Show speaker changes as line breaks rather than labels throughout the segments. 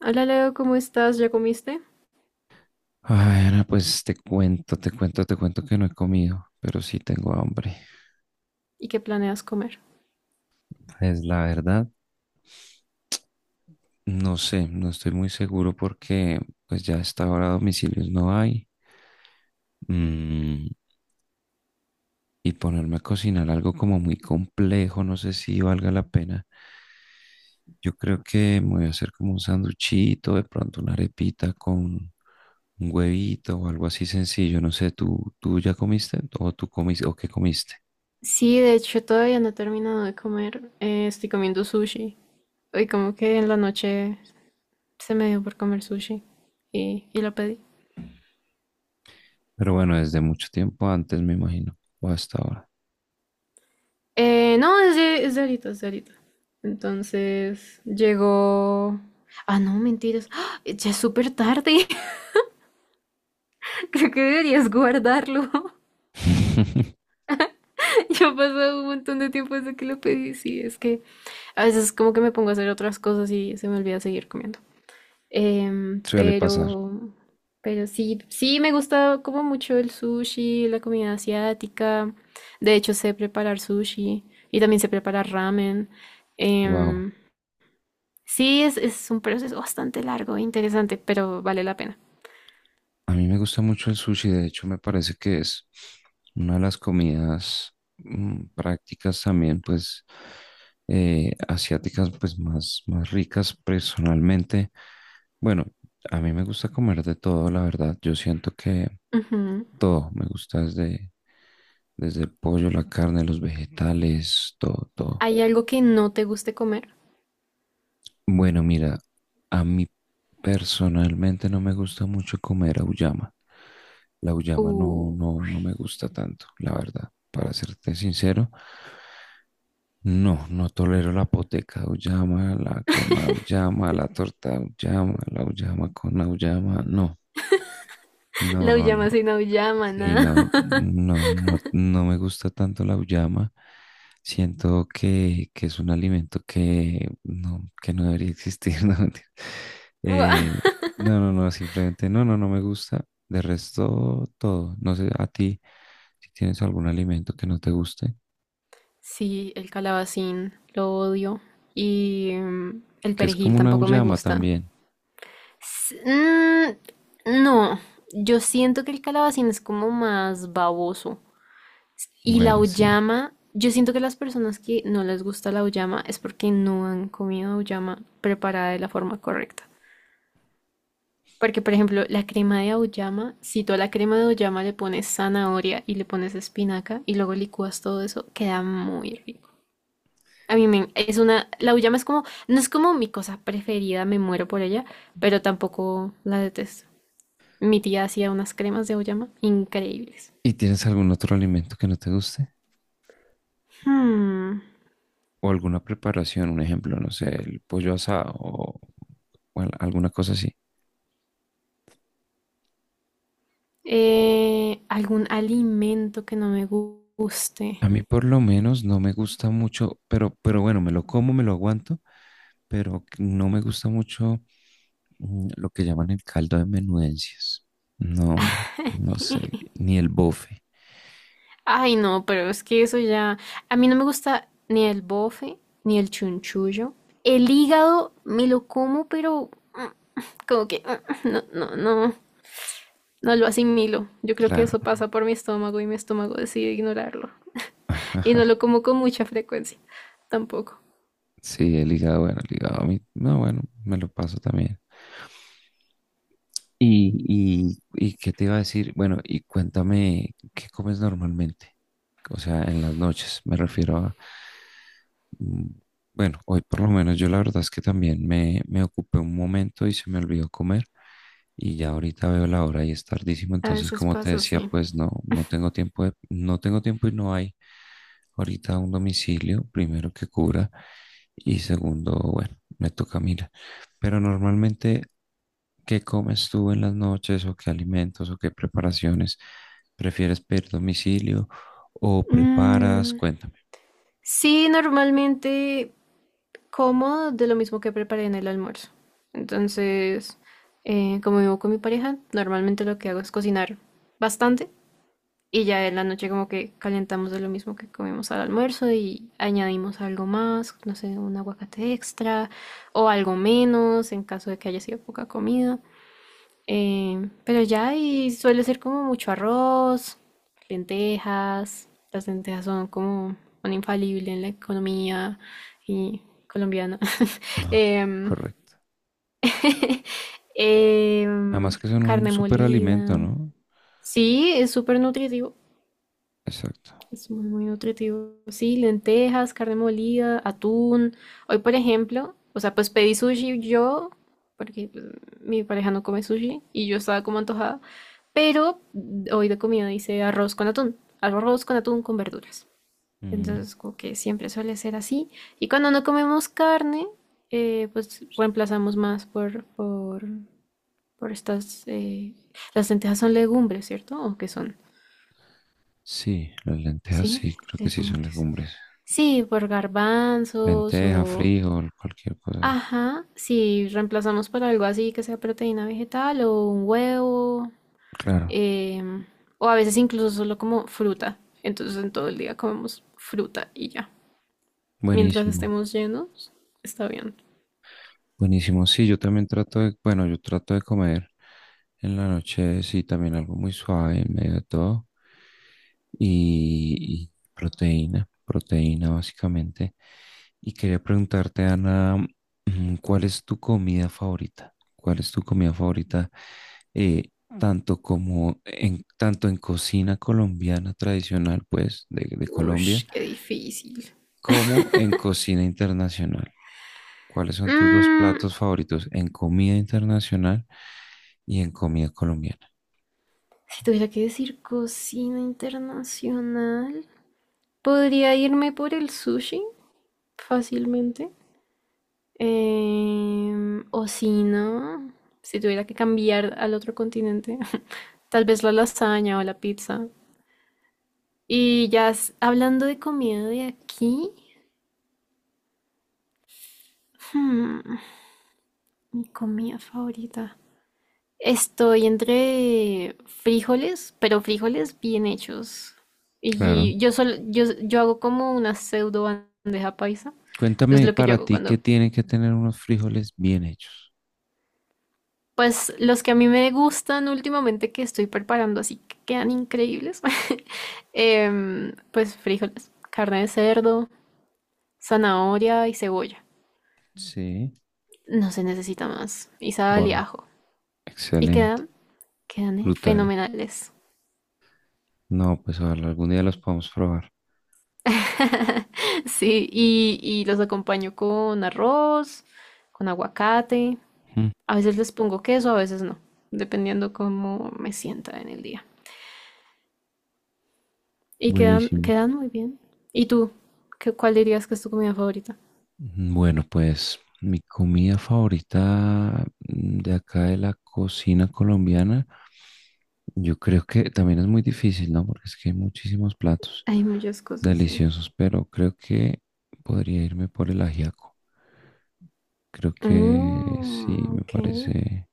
Hola Leo, ¿cómo estás? ¿Ya comiste?
Ay, Ana, pues te cuento que no he comido, pero sí tengo hambre.
¿Y qué planeas comer?
Es la verdad, no sé, no estoy muy seguro porque pues ya hasta ahora domicilios no hay. Mm, y ponerme a cocinar algo como muy complejo, no sé si valga la pena. Yo creo que me voy a hacer como un sanduchito, de pronto una arepita con un huevito o algo así sencillo. No sé, ¿tú ya comiste o tú comiste o qué comiste?
Sí, de hecho todavía no he terminado de comer. Estoy comiendo sushi. Hoy como que en la noche se me dio por comer sushi y lo pedí.
Pero bueno, desde mucho tiempo antes, me imagino, o hasta ahora.
No, es de ahorita, es de ahorita. Entonces llegó... Ah, no, mentiras. ¡Ah! Ya es súper tarde. Creo que deberías guardarlo. Ya ha pasado un montón de tiempo desde que lo pedí. Sí, es que a veces como que me pongo a hacer otras cosas y se me olvida seguir comiendo. Em,
Suele pasar.
pero, pero sí me gusta como mucho el sushi, la comida asiática. De hecho, sé preparar sushi y también sé preparar ramen.
Wow.
Em, sí, es un proceso bastante largo e interesante, pero vale la pena.
A mí me gusta mucho el sushi, de hecho, me parece que es una de las comidas prácticas también, pues, asiáticas, pues, más, más ricas personalmente. Bueno, a mí me gusta comer de todo, la verdad. Yo siento que
Ujú.
todo me gusta desde, el pollo, la carne, los vegetales, todo, todo.
¿Hay algo que no te guste comer?
Bueno, mira, a mí personalmente no me gusta mucho comer auyama. La auyama
Uh,
no, no, no me gusta tanto, la verdad. Para serte sincero, no, no tolero la poteca de auyama, la crema de auyama, la torta de auyama, la auyama con auyama, no. No,
la
no,
uyama
no.
sin auyama,
Sí,
nada.
no, no, no, no me gusta tanto la auyama. Siento que es un alimento que no debería existir. No, mentira.
Guau.
Eh, no, no, no, simplemente no, no, no me gusta. De resto, todo. No sé, a ti, si tienes algún alimento que no te guste,
Sí, el calabacín, lo odio. Y el
que es
perejil
como una
tampoco me
auyama
gusta.
también.
S- mm, no, yo siento que el calabacín es como más baboso. Y la
Bueno, sí.
auyama, yo siento que las personas que no les gusta la auyama es porque no han comido auyama preparada de la forma correcta. Porque, por ejemplo, la crema de auyama, si tú a la crema de auyama le pones zanahoria y le pones espinaca y luego licúas todo eso, queda muy rico. A mí me, es una, La auyama es como, no es como mi cosa preferida, me muero por ella, pero tampoco la detesto. Mi tía hacía unas cremas de auyama increíbles.
¿Y tienes algún otro alimento que no te guste?
Hmm,
¿O alguna preparación? Un ejemplo, no sé, el pollo asado o alguna cosa así.
Algún alimento que no me guste.
A mí por lo menos no me gusta mucho, pero bueno, me lo como, me lo aguanto, pero que no me gusta mucho lo que llaman el caldo de menudencias. No, no sé, ni el bofe,
Ay, no, pero es que eso ya. A mí no me gusta ni el bofe, ni el chunchullo. El hígado me lo como, pero mm, como que no, no, no, no lo asimilo. Yo creo que eso
claro.
pasa por mi estómago y mi estómago decide ignorarlo. Y no lo como con mucha frecuencia. Tampoco.
Sí, el hígado, bueno, el hígado a mí, no, bueno, me lo paso también. Y qué te iba a decir, bueno, y cuéntame, ¿qué comes normalmente? O sea, en las noches, me refiero a, mm, bueno, hoy por lo menos yo la verdad es que también me ocupé un momento y se me olvidó comer y ya ahorita veo la hora y es tardísimo,
A
entonces
veces
como te
pasa
decía,
así.
pues no, no tengo tiempo y no hay ahorita un domicilio, primero que cubra y segundo, bueno, me toca mirar. Pero normalmente, ¿qué comes tú en las noches o qué alimentos o qué preparaciones? ¿Prefieres pedir domicilio o preparas?
Mm,
Cuéntame.
Sí, normalmente como de lo mismo que preparé en el almuerzo. Entonces, como vivo con mi pareja, normalmente lo que hago es cocinar bastante y ya en la noche como que calentamos de lo mismo que comimos al almuerzo y añadimos algo más, no sé, un aguacate extra o algo menos en caso de que haya sido poca comida. Pero ya, y suele ser como mucho arroz, lentejas. Las lentejas son como un infalible en la economía y colombiana.
Ah,
Em,
correcto. Además
em,
que son un
carne
súper alimento,
molida.
¿no?
Sí, es súper nutritivo.
Exacto.
Es muy, muy nutritivo. Sí, lentejas, carne molida, atún. Hoy, por ejemplo, o sea, pues pedí sushi yo, porque pues, mi pareja no come sushi y yo estaba como antojada. Pero hoy de comida hice arroz con atún. Arroz con atún con verduras.
Mm,
Entonces, como que siempre suele ser así. Y cuando no comemos carne, pues reemplazamos más por estas... las lentejas son legumbres, ¿cierto? ¿O qué son?
sí, las lentejas
Sí,
sí, creo que sí son
legumbres.
legumbres.
Sí, por garbanzos
Lenteja,
o...
frijol, cualquier cosa de eso.
Ajá, si reemplazamos por algo así que sea proteína vegetal o un huevo,
Claro,
em, o a veces incluso solo como fruta. Entonces en todo el día comemos fruta y ya. Mientras
buenísimo.
estemos llenos, está bien.
Buenísimo. Sí, yo también trato de, bueno, yo trato de comer en la noche, sí, también algo muy suave en medio de todo. Y proteína, proteína básicamente. Y quería preguntarte, Ana, ¿cuál es tu comida favorita? ¿Cuál es tu comida favorita? eh, tanto en cocina colombiana tradicional, pues, de Colombia,
Ush, qué difícil.
como en cocina internacional. ¿Cuáles son tus dos
Mm,
platos favoritos en comida internacional y en comida colombiana?
si tuviera que decir cocina internacional, podría irme por el sushi fácilmente. O si no, si tuviera que cambiar al otro continente, tal vez la lasaña o la pizza. Y ya hablando de comida de aquí, hmm, mi comida favorita. Estoy entre frijoles, pero frijoles bien hechos.
Claro.
Y yo hago como una pseudo bandeja paisa. Es
Cuéntame
lo que yo
para
hago
ti qué
cuando.
tienen que tener unos frijoles bien hechos.
Pues los que a mí me gustan últimamente que estoy preparando, así que quedan increíbles, pues frijoles, carne de cerdo, zanahoria y cebolla.
Sí.
No se necesita más. Y sal y
Wow,
ajo. Y
excelente,
quedan
brutales.
fenomenales.
No, pues ojalá algún día los podamos probar.
Sí, y los acompaño con arroz, con aguacate.
Mm.
A veces les pongo queso, a veces no, dependiendo cómo me sienta en el día. Y
Buenísimo.
quedan muy bien. ¿Y tú? ¿Cuál dirías que es tu comida favorita?
Bueno, pues mi comida favorita de acá de la cocina colombiana, yo creo que también es muy difícil, ¿no? Porque es que hay muchísimos platos
Hay muchas cosas, sí.
deliciosos, pero creo que podría irme por el ajiaco. Creo que sí,
Mm, ok.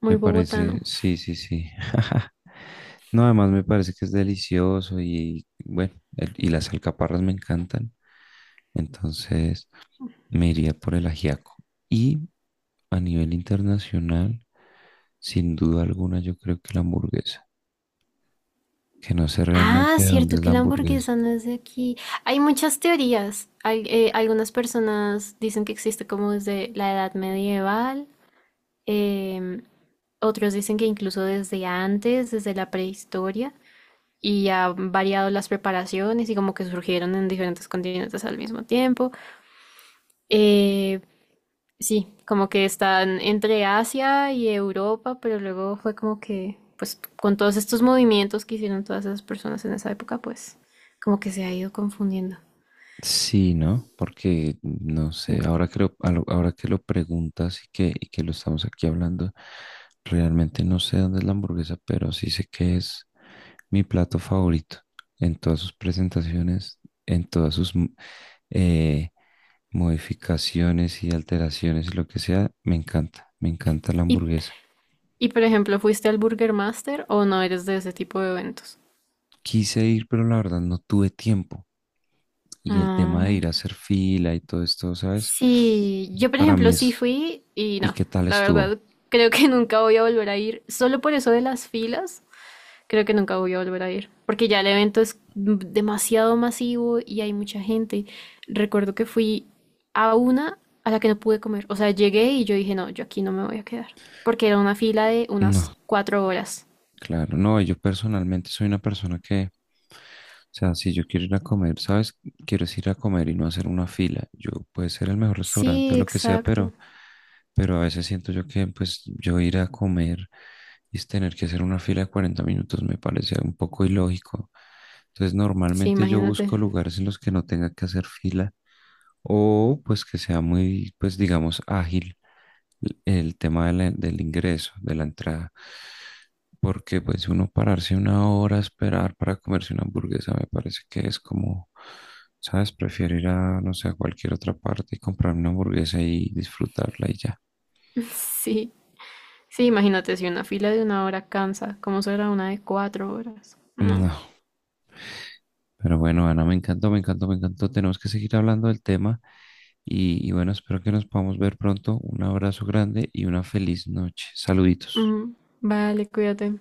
Muy
me parece,
bogotano.
sí, sí, sí. No, además me parece que es delicioso y bueno, y las alcaparras me encantan, entonces me iría por el ajiaco. Y a nivel internacional, sin duda alguna, yo creo que la hamburguesa, que no sé
Ah,
realmente de dónde
cierto
es
que
la
la
hamburguesa.
hamburguesa no es de aquí. Hay muchas teorías. Algunas personas dicen que existe como desde la edad medieval. em, Otros dicen que incluso desde antes, desde la prehistoria. Y ha variado las preparaciones y como que surgieron en diferentes continentes al mismo tiempo. Eh, Sí, como que están entre Asia y Europa, pero luego fue como que, pues con todos estos movimientos que hicieron todas esas personas en esa época, pues como que se ha ido confundiendo.
Sí, ¿no? Porque no sé,
Sí.
ahora que lo preguntas y que, lo estamos aquí hablando, realmente no sé dónde es la hamburguesa, pero sí sé que es mi plato favorito en todas sus presentaciones, en todas sus eh, modificaciones y alteraciones y lo que sea, me encanta la
Y,
hamburguesa.
y por ejemplo, ¿fuiste al Burger Master o no eres de ese tipo de eventos?
Quise ir, pero la verdad no tuve tiempo. Y el tema de
Ah,
ir a hacer fila y todo esto, ¿sabes?
sí, yo por
Para mí
ejemplo sí
es,
fui y
¿y
no,
qué tal
la
estuvo?
verdad creo que nunca voy a volver a ir, solo por eso de las filas. Creo que nunca voy a volver a ir, porque ya el evento es demasiado masivo y hay mucha gente. Recuerdo que fui a una, a la que no pude comer. O sea, llegué y yo dije, no, yo aquí no me voy a quedar, porque era una fila de unas
No,
4 horas.
claro, no, yo personalmente soy una persona que, o sea, si yo quiero ir a comer, ¿sabes? Quiero es ir a comer y no hacer una fila. Yo puede ser el mejor restaurante o
Sí,
lo que sea,
exacto.
pero a veces siento yo que, pues, yo ir a comer y es tener que hacer una fila de 40 minutos me parece un poco ilógico. Entonces,
Sí,
normalmente yo
imagínate.
busco lugares en los que no tenga que hacer fila o pues que sea muy, pues digamos, ágil el tema de del ingreso, de la entrada. Porque pues uno pararse una hora a esperar para comerse una hamburguesa me parece que es como, ¿sabes? Prefiero ir a, no sé, a cualquier otra parte y comprar una hamburguesa y disfrutarla y ya.
Sí, sí, imagínate, si una fila de 1 hora cansa, ¿cómo será una de 4 horas? No.
No, pero bueno, Ana, me encantó, me encantó, me encantó. Tenemos que seguir hablando del tema y bueno, espero que nos podamos ver pronto. Un abrazo grande y una feliz noche. Saluditos.
Ujú. Vale, cuídate.